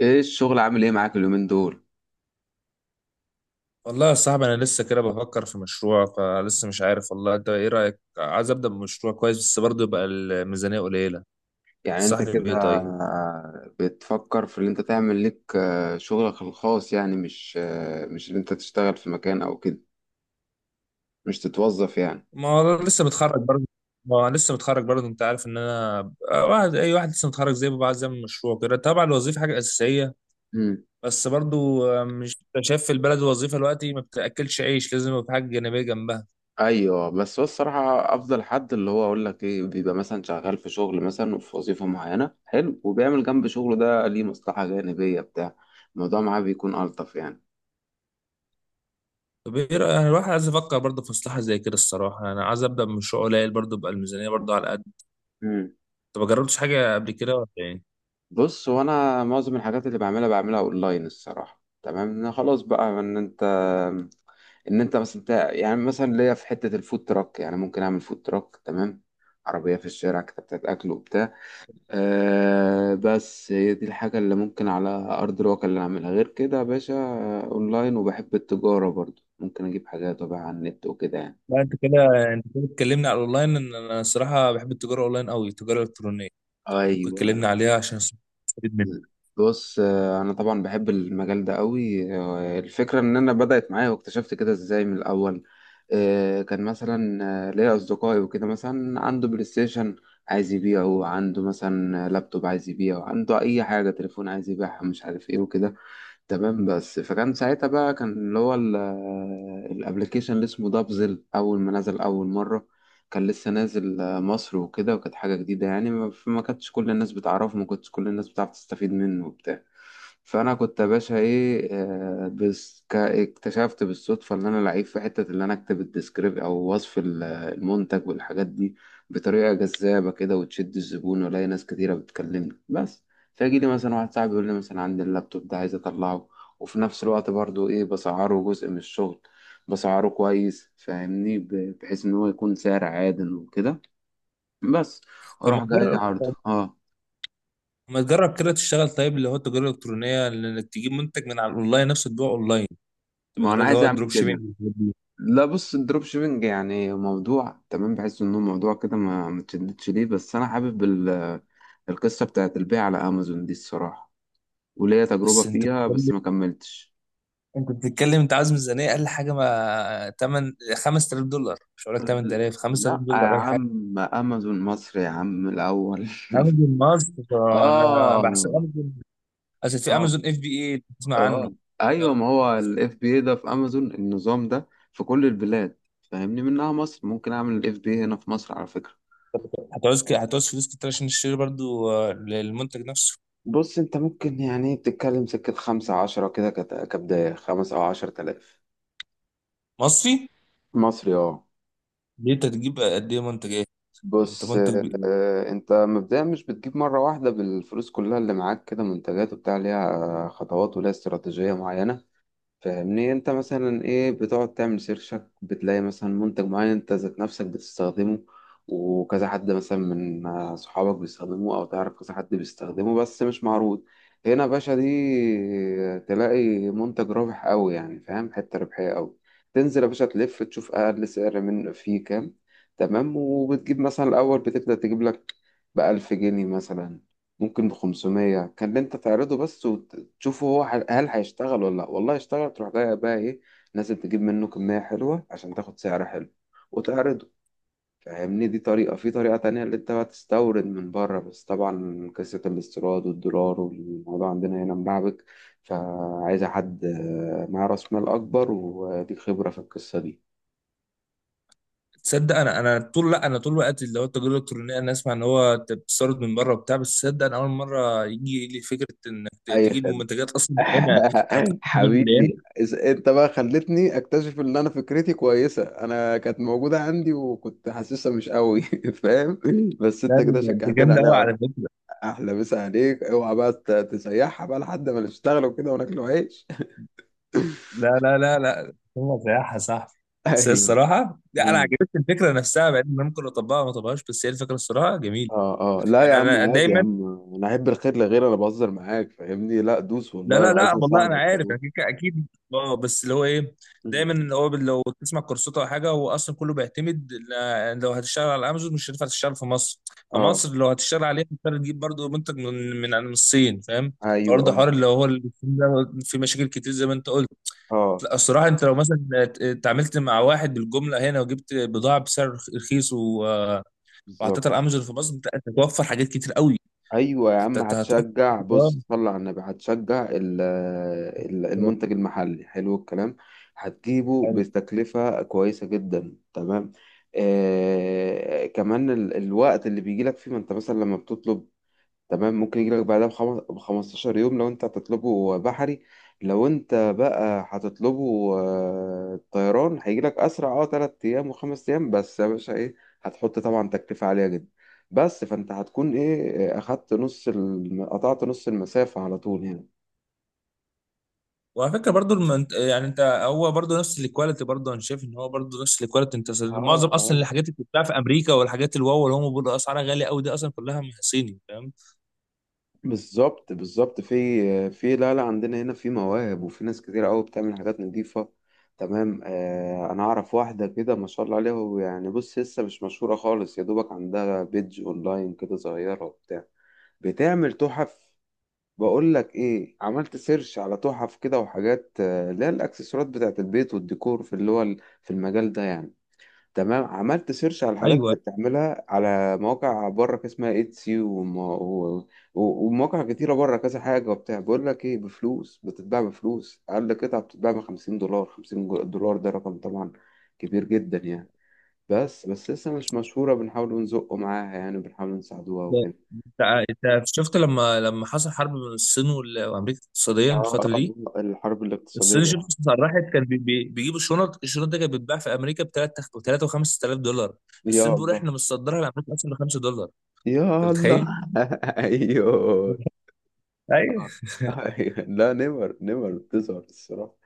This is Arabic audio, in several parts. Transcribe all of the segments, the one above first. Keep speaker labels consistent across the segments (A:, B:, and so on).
A: ايه الشغل عامل ايه معاك اليومين دول؟
B: والله يا صاحبي، انا لسه كده بفكر في مشروع فلسه مش عارف والله. انت ايه رايك؟ عايز ابدا بمشروع كويس، بس برضه يبقى الميزانيه قليله.
A: يعني انت
B: تنصحني
A: كده
B: بايه طيب؟
A: بتفكر في اللي انت تعمل لك شغلك الخاص، يعني مش اللي انت تشتغل في مكان او كده. مش تتوظف يعني؟
B: ما هو أنا لسه متخرج برضه. ما هو أنا لسه متخرج برضه انت عارف ان انا بقى واحد، اي واحد لسه متخرج زي ما بيبقى عايز يعمل مشروع كده. طبعا الوظيفه حاجه اساسيه
A: امم.
B: بس برضه، مش أنت شايف في البلد الوظيفه دلوقتي ما بتاكلش عيش؟ لازم يبقى في حاجه جانبيه جنبها.
A: ايوه، بس هو الصراحه افضل حد، اللي هو اقول لك ايه، بيبقى مثلا شغال في شغل مثلا، وفي وظيفه معينه حلو، وبيعمل جنب شغله ده ليه مصلحه جانبيه بتاع الموضوع معاه، بيكون الطف يعني.
B: طب ايه رايك؟ أنا الواحد عايز يفكر برضه في مصلحه زي كده. الصراحه انا عايز ابدا بمشروع قليل برضه، يبقى الميزانيه برضه على قد.
A: امم.
B: طب ما جربتش حاجه قبل كده ولا ايه؟
A: بص، هو انا معظم الحاجات اللي بعملها بعملها اونلاين الصراحه. تمام، أنا خلاص بقى ان انت مثلا يعني مثلا ليا في حته الفود تراك، يعني ممكن اعمل فود تراك. تمام، عربيه في الشارع كده بتاعت اكل وبتاع. آه بس هي دي الحاجه اللي ممكن على ارض الواقع اللي اعملها، غير كده يا باشا اونلاين، وبحب التجاره برضو، ممكن اجيب حاجات وابيعها على النت وكده يعني.
B: لا، انت كده اتكلمنا على الاونلاين، ان انا الصراحه بحب التجاره اونلاين قوي، التجاره الالكترونيه. طب ممكن
A: ايوه.
B: تكلمنا عليها عشان استفيد منك؟
A: بص، انا طبعا بحب المجال ده قوي. الفكره ان انا بدات معايا واكتشفت كده ازاي من الاول. كان مثلا ليا اصدقائي وكده، مثلا عنده بلاي ستيشن عايز يبيعه، عنده مثلا لابتوب عايز يبيعه، عنده اي حاجه تليفون عايز يبيعها، مش عارف ايه وكده. تمام، بس فكان ساعتها بقى كان اللي هو الابلكيشن اللي اسمه دابزل، اول ما نزل اول مره كان لسه نازل مصر وكده، وكانت حاجه جديده يعني. ما فما كانتش كل الناس بتعرفه، ما كنتش كل الناس بتعرف تستفيد منه وبتاع. فانا كنت يا باشا ايه، بس اكتشفت بالصدفه ان انا لعيب في حته، اللي انا اكتب الديسكريب او وصف المنتج والحاجات دي بطريقه جذابه كده وتشد الزبون، والاقي ناس كتيره بتكلمني. بس فيجي لي مثلا واحد صاحبي يقول لي مثلا: عندي اللابتوب ده عايز اطلعه، وفي نفس الوقت برضو ايه بسعره، جزء من الشغل، بسعره كويس. فاهمني، بحيث ان هو يكون سعر عادل وكده. بس
B: طب
A: اروح جاي عرضه اه.
B: ما تجرب كده، تشتغل طيب اللي هو التجاره الالكترونيه، انك تجيب منتج من على الاونلاين نفسه تبيعه اونلاين. تبقى
A: ما
B: جرب
A: انا
B: اللي
A: عايز
B: هو
A: اعمل
B: الدروب شيبينج
A: كده.
B: والحاجات دي.
A: لا بص، الدروب شيبينج يعني موضوع تمام، بحس انه موضوع كده ما متشددش ليه، بس انا حابب القصة بتاعت البيع على امازون دي الصراحة. وليا تجربة
B: بس انت
A: فيها
B: بتتكلم
A: بس ما كملتش.
B: انت بتتكلم، انت عايز ميزانيه اقل حاجه، ما 8 5,000 دولار. مش هقول لك 8,000، 5000
A: لا يا
B: دولار اقل حاجه.
A: عم، امازون مصر يا عم الاول.
B: امازون مصر. انا بحسب
A: اه.
B: امازون. اصل في
A: اه.
B: امازون FBA، تسمع عنه؟
A: اه. ايوه، ما هو الاف بي اي ده في امازون، النظام ده في كل البلاد، فاهمني منها مصر، ممكن اعمل الاف بي اي هنا في مصر على فكره.
B: هتعوز فلوس كتير عشان تشتري برضو المنتج نفسه.
A: بص، انت ممكن يعني بتتكلم سكة 15 كده، كبداية 5 او 10 تلاف.
B: مصري.
A: مصري، اه.
B: دي انت تجيب قد ايه منتج ايه؟ انت
A: بص،
B: منتج بي...
A: انت مبدئيا مش بتجيب مرة واحدة بالفلوس كلها اللي معاك كده منتجات وبتاع، ليها خطوات وليها استراتيجية معينة. فاهمني، انت مثلا ايه بتقعد تعمل سيرشك، بتلاقي مثلا منتج معين انت ذات نفسك بتستخدمه، وكذا حد مثلا من صحابك بيستخدمه، او تعرف كذا حد بيستخدمه بس مش معروض هنا يا باشا، دي تلاقي منتج رابح قوي، يعني فاهم، حتة ربحية قوي. تنزل يا باشا تلف، تشوف اقل سعر من فيه كام. تمام، وبتجيب مثلا الاول بتبدأ تجيب لك ب 1000 جنيه مثلا، ممكن ب 500، كان اللي انت تعرضه بس، تشوفه هو هل هيشتغل ولا لا. والله اشتغل، تروح جاي بقى ايه، نازل تجيب منه كمية حلوة عشان تاخد سعر حلو وتعرضه. فاهمني، دي طريقة. في طريقة تانية، اللي انت بقى تستورد من بره، بس طبعا قصة الاستيراد والدولار والموضوع عندنا هنا ملعبك، فعايزة حد معاه راس مال أكبر وليك خبرة في القصة دي.
B: تصدق انا، انا طول لا انا طول الوقت اللي هو التجاره الالكترونيه انا اسمع ان هو انت بتستورد من بره وبتاع. بس تصدق انا اول مره يجي لي فكره
A: أي
B: تجيب
A: خدمة.
B: منتجات اصلا هنا. تعتقد ان هي
A: حبيبي، انت بقى خلتني اكتشف ان انا فكرتي كويسه، انا كانت موجوده عندي وكنت حاسسها مش قوي. فاهم، بس انت
B: لا،
A: كده
B: ده انت
A: شجعتني
B: جامده قوي
A: عليها
B: على
A: اكتر.
B: فكره.
A: احلى مسا عليك، اوعى بقى تسيحها بقى لحد ما نشتغل وكده وناكل عيش.
B: لا، لا، لا، لا، هو سياحه يا صاحبي. بس هي
A: ايوه.
B: الصراحه، لا، انا
A: امم.
B: عجبتني الفكره نفسها، بعدين انا ممكن اطبقها ما اطبقهاش، بس هي الفكره الصراحه جميله.
A: اه اه، لا يا
B: يعني
A: عم
B: انا
A: عادي يا
B: دايما،
A: عم، انا احب الخير لغيري، انا بهزر معاك فاهمني، لا دوس
B: لا،
A: والله
B: لا،
A: لو عايز
B: لا، والله انا
A: اساعدك
B: عارف،
A: كمان.
B: اكيد اكيد. اه، بس اللي هو ايه،
A: مم.
B: دايما اللي هو لو تسمع كورسات او حاجه، هو اصلا كله بيعتمد، لو هتشتغل على امازون مش هتنفع تشتغل في مصر.
A: اه.
B: فمصر لو هتشتغل عليها هتضطر تجيب برضه منتج من الصين، فاهم؟
A: ايوه
B: فبرضه
A: اه
B: حوار اللي هو ده، في مشاكل كتير زي ما انت قلت.
A: اه،
B: لا، الصراحه انت لو مثلا اتعاملت مع واحد بالجمله هنا، وجبت بضاعه بسعر رخيص، و- وحطيتها
A: بالظبط.
B: على امازون في مصر، انت هتوفر حاجات كتير قوي.
A: ايوه يا عم،
B: هتوفر.
A: هتشجع. بص، صلى على النبي، هتشجع المنتج المحلي. حلو الكلام، هتجيبه
B: اه.
A: بتكلفه كويسه جدا. تمام. آه كمان الوقت اللي بيجي لك فيه، ما انت مثلا لما بتطلب، تمام، ممكن يجيلك بعدها ب 15 يوم لو انت هتطلبه بحري. لو انت بقى هتطلبه طيران، هيجيلك اسرع، اه 3 ايام وخمس ايام. بس يا باشا ايه، هتحط طبعا تكلفة عالية جدا. بس فانت هتكون ايه، اخدت نص قطعت نص المسافة على طول يعني.
B: وعلى فكره برضو، يعني انت، هو برضو نفس الكواليتي، برضو انا شايف ان هو برضو نفس الكواليتي انت معظم
A: اه
B: اصلا
A: اه،
B: الحاجات اللي بتتباع في امريكا والحاجات الواو اللي هم بيقولوا اسعارها غاليه قوي دي اصلا كلها من صيني، فاهم؟
A: بالظبط بالظبط. في في، لا لا، عندنا هنا في مواهب، وفي ناس كتير قوي بتعمل حاجات نظيفة. تمام. آه انا اعرف واحدة كده ما شاء الله عليها، ويعني بص لسه مش مشهورة خالص، يا دوبك عندها بيدج اونلاين كده صغيرة وبتاع، بتعمل تحف. بقول لك ايه، عملت سيرش على تحف كده وحاجات اللي هي الاكسسوارات بتاعت البيت والديكور، في اللي هو في المجال ده يعني. تمام، عملت سيرش على الحاجات
B: ايوه،
A: اللي بتعملها على مواقع بره كده، اسمها ايتسي ومواقع كتيرة بره كذا حاجة وبتاع. بقول لك ايه، بفلوس بتتباع، بفلوس أقل قطعة بتتباع ب 50 دولار، 50 دولار. ده رقم طبعا كبير جدا يعني. بس بس لسه مش مشهورة، بنحاول نزقه معاها يعني، بنحاول نساعدوها
B: ده
A: وكده.
B: انت. انت شفت لما حصل حرب بين الصين وامريكا اقتصاديا
A: اه
B: الفتره دي.
A: الحرب
B: الصين شفت
A: الاقتصادية.
B: اسعار راحت. كان بيجيبوا الشنط. دي كانت بتتباع في امريكا ب 3 و 5,000 دولار.
A: يا
B: الصين بيقول
A: الله.
B: احنا متصدرها لامريكا اصلا ب 5 دولار.
A: يا
B: انت
A: الله.
B: متخيل؟
A: ايوه.
B: ايوه.
A: آه. أيوه. لا نمر نمر بتظهر الصراحة،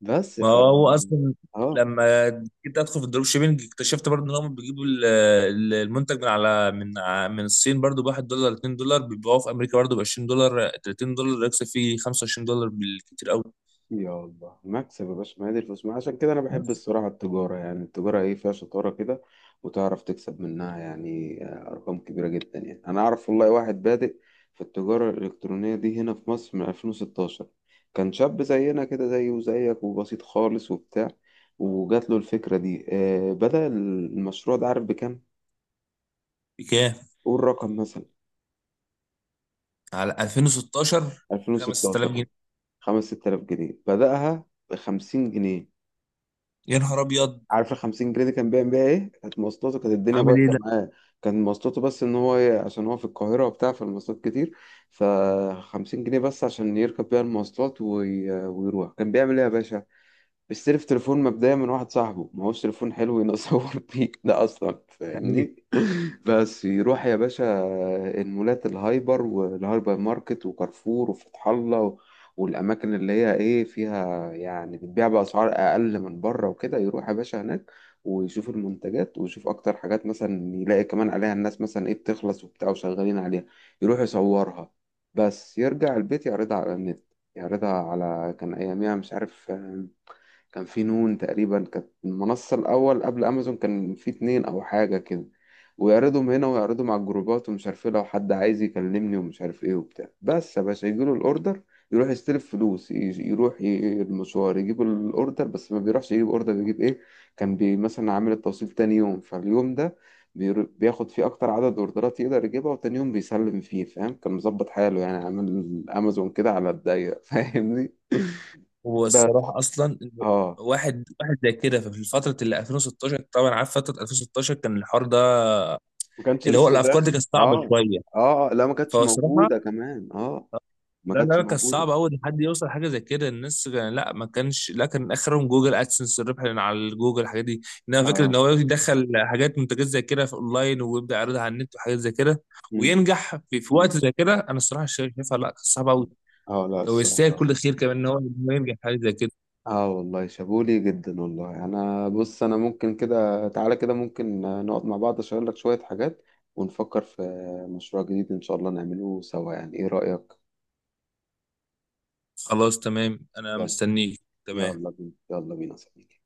A: بس
B: ما
A: ف
B: هو اصلا
A: اه.
B: لما جيت ادخل في الدروب شيبينج، اكتشفت برضه ان هم بيجيبوا المنتج من على من الصين برضه ب 1 دولار 2 دولار، بيبيعوه في امريكا برضه ب 20 دولار 30 دولار، يكسب فيه 25 دولار بالكتير قوي.
A: يا الله مكسب يا باشا، ما هي دي الفلوس، ما عشان كده انا بحب الصراحه التجاره، يعني التجاره ايه فيها شطاره كده وتعرف تكسب منها، يعني ارقام كبيره جدا يعني. انا اعرف والله واحد بادئ في التجاره الالكترونيه دي هنا في مصر من 2016، كان شاب زينا كده، زيه وزيك، وبسيط خالص وبتاع. وجات له الفكره دي، آه بدأ المشروع ده، عارف بكام؟
B: بكام؟
A: قول رقم مثلا.
B: على 2016. 5000
A: 2016، اه.
B: جنيه
A: 5 6000 جنيه بدأها، ب 50 جنيه.
B: يا نهار ابيض.
A: عارف ال 50 جنيه دي كان بيعمل بيها ايه؟ كانت مواصلاته، كانت الدنيا
B: عامل ايه
A: بايظه
B: ده؟
A: معاه. كان مواصلاته بس، ان هو عشان هو في القاهره وبتاع، فالمواصلات كتير. ف 50 جنيه بس عشان يركب بيها المواصلات ويروح. كان بيعمل ايه يا باشا؟ اشتري في تليفون مبدئيا من واحد صاحبه، ما هوش تليفون حلو ينصور بيه ده اصلا،
B: يعني
A: فاهمني. بس يروح يا باشا المولات، الهايبر والهايبر ماركت وكارفور وفتح الله والاماكن اللي هي ايه فيها يعني بتبيع باسعار اقل من بره وكده، يروح يا باشا هناك ويشوف المنتجات، ويشوف اكتر حاجات مثلا يلاقي كمان عليها الناس مثلا ايه بتخلص وبتاع وشغالين عليها، يروح يصورها بس، يرجع البيت يعرضها على النت، يعرضها على كان اياميها مش عارف، كان في نون تقريبا كانت المنصة الأول قبل أمازون، كان في اتنين أو حاجة كده. ويعرضهم هنا ويعرضهم على الجروبات ومش عارف ايه، لو حد عايز يكلمني ومش عارف ايه وبتاع، بس يا باشا يجيله الأوردر، يروح يستلف فلوس يروح المشوار، يجيب الأوردر. بس ما بيروحش يجيب أوردر، بيجيب ايه، كان بي مثلا عامل التوصيل تاني يوم، فاليوم ده بياخد فيه أكتر عدد أوردرات يقدر يجيبها، وتاني يوم بيسلم فيه. فاهم، كان مظبط حاله يعني، عامل أمازون كده على الضيق. فاهمني،
B: هو
A: بس.
B: الصراحه اصلا،
A: اه،
B: واحد واحد زي كده في فتره ال 2016، طبعا عارف فتره 2016 كان الحوار ده
A: ما كانش
B: اللي هو
A: لسه
B: الافكار دي
A: داخل
B: كانت صعبه
A: اه.
B: شويه.
A: اه لا ما كانتش
B: فالصراحه
A: موجودة كمان، اه. ما
B: لا،
A: كانتش
B: لا، كان
A: موجودة،
B: صعب أوي إن حد يوصل حاجة زي كده. لا، ما كانش، لا، كان آخرهم جوجل أدسنس، الربح اللي على الجوجل الحاجات دي. إنما فكرة إن
A: اه.
B: هو يدخل حاجات منتجات زي كده في أونلاين ويبدأ يعرضها على النت وحاجات زي كده،
A: مم.
B: وينجح في وقت
A: مم.
B: زي كده، أنا الصراحة شايفها لا، كان صعب أوي.
A: اه لا
B: لو يستاهل
A: الصراحة.
B: كل خير كمان إن هو ينجح في حاجة زي كده.
A: اه والله شابولي جدا والله، انا بص انا ممكن كده، تعالى كده ممكن نقعد مع بعض اشير لك شوية حاجات، ونفكر في مشروع جديد ان شاء الله نعمله سوا، يعني ايه رأيك؟
B: خلاص تمام، أنا
A: يلا.
B: مستنيك.
A: يلا
B: تمام.
A: بينا، يلا بينا يا صديقي.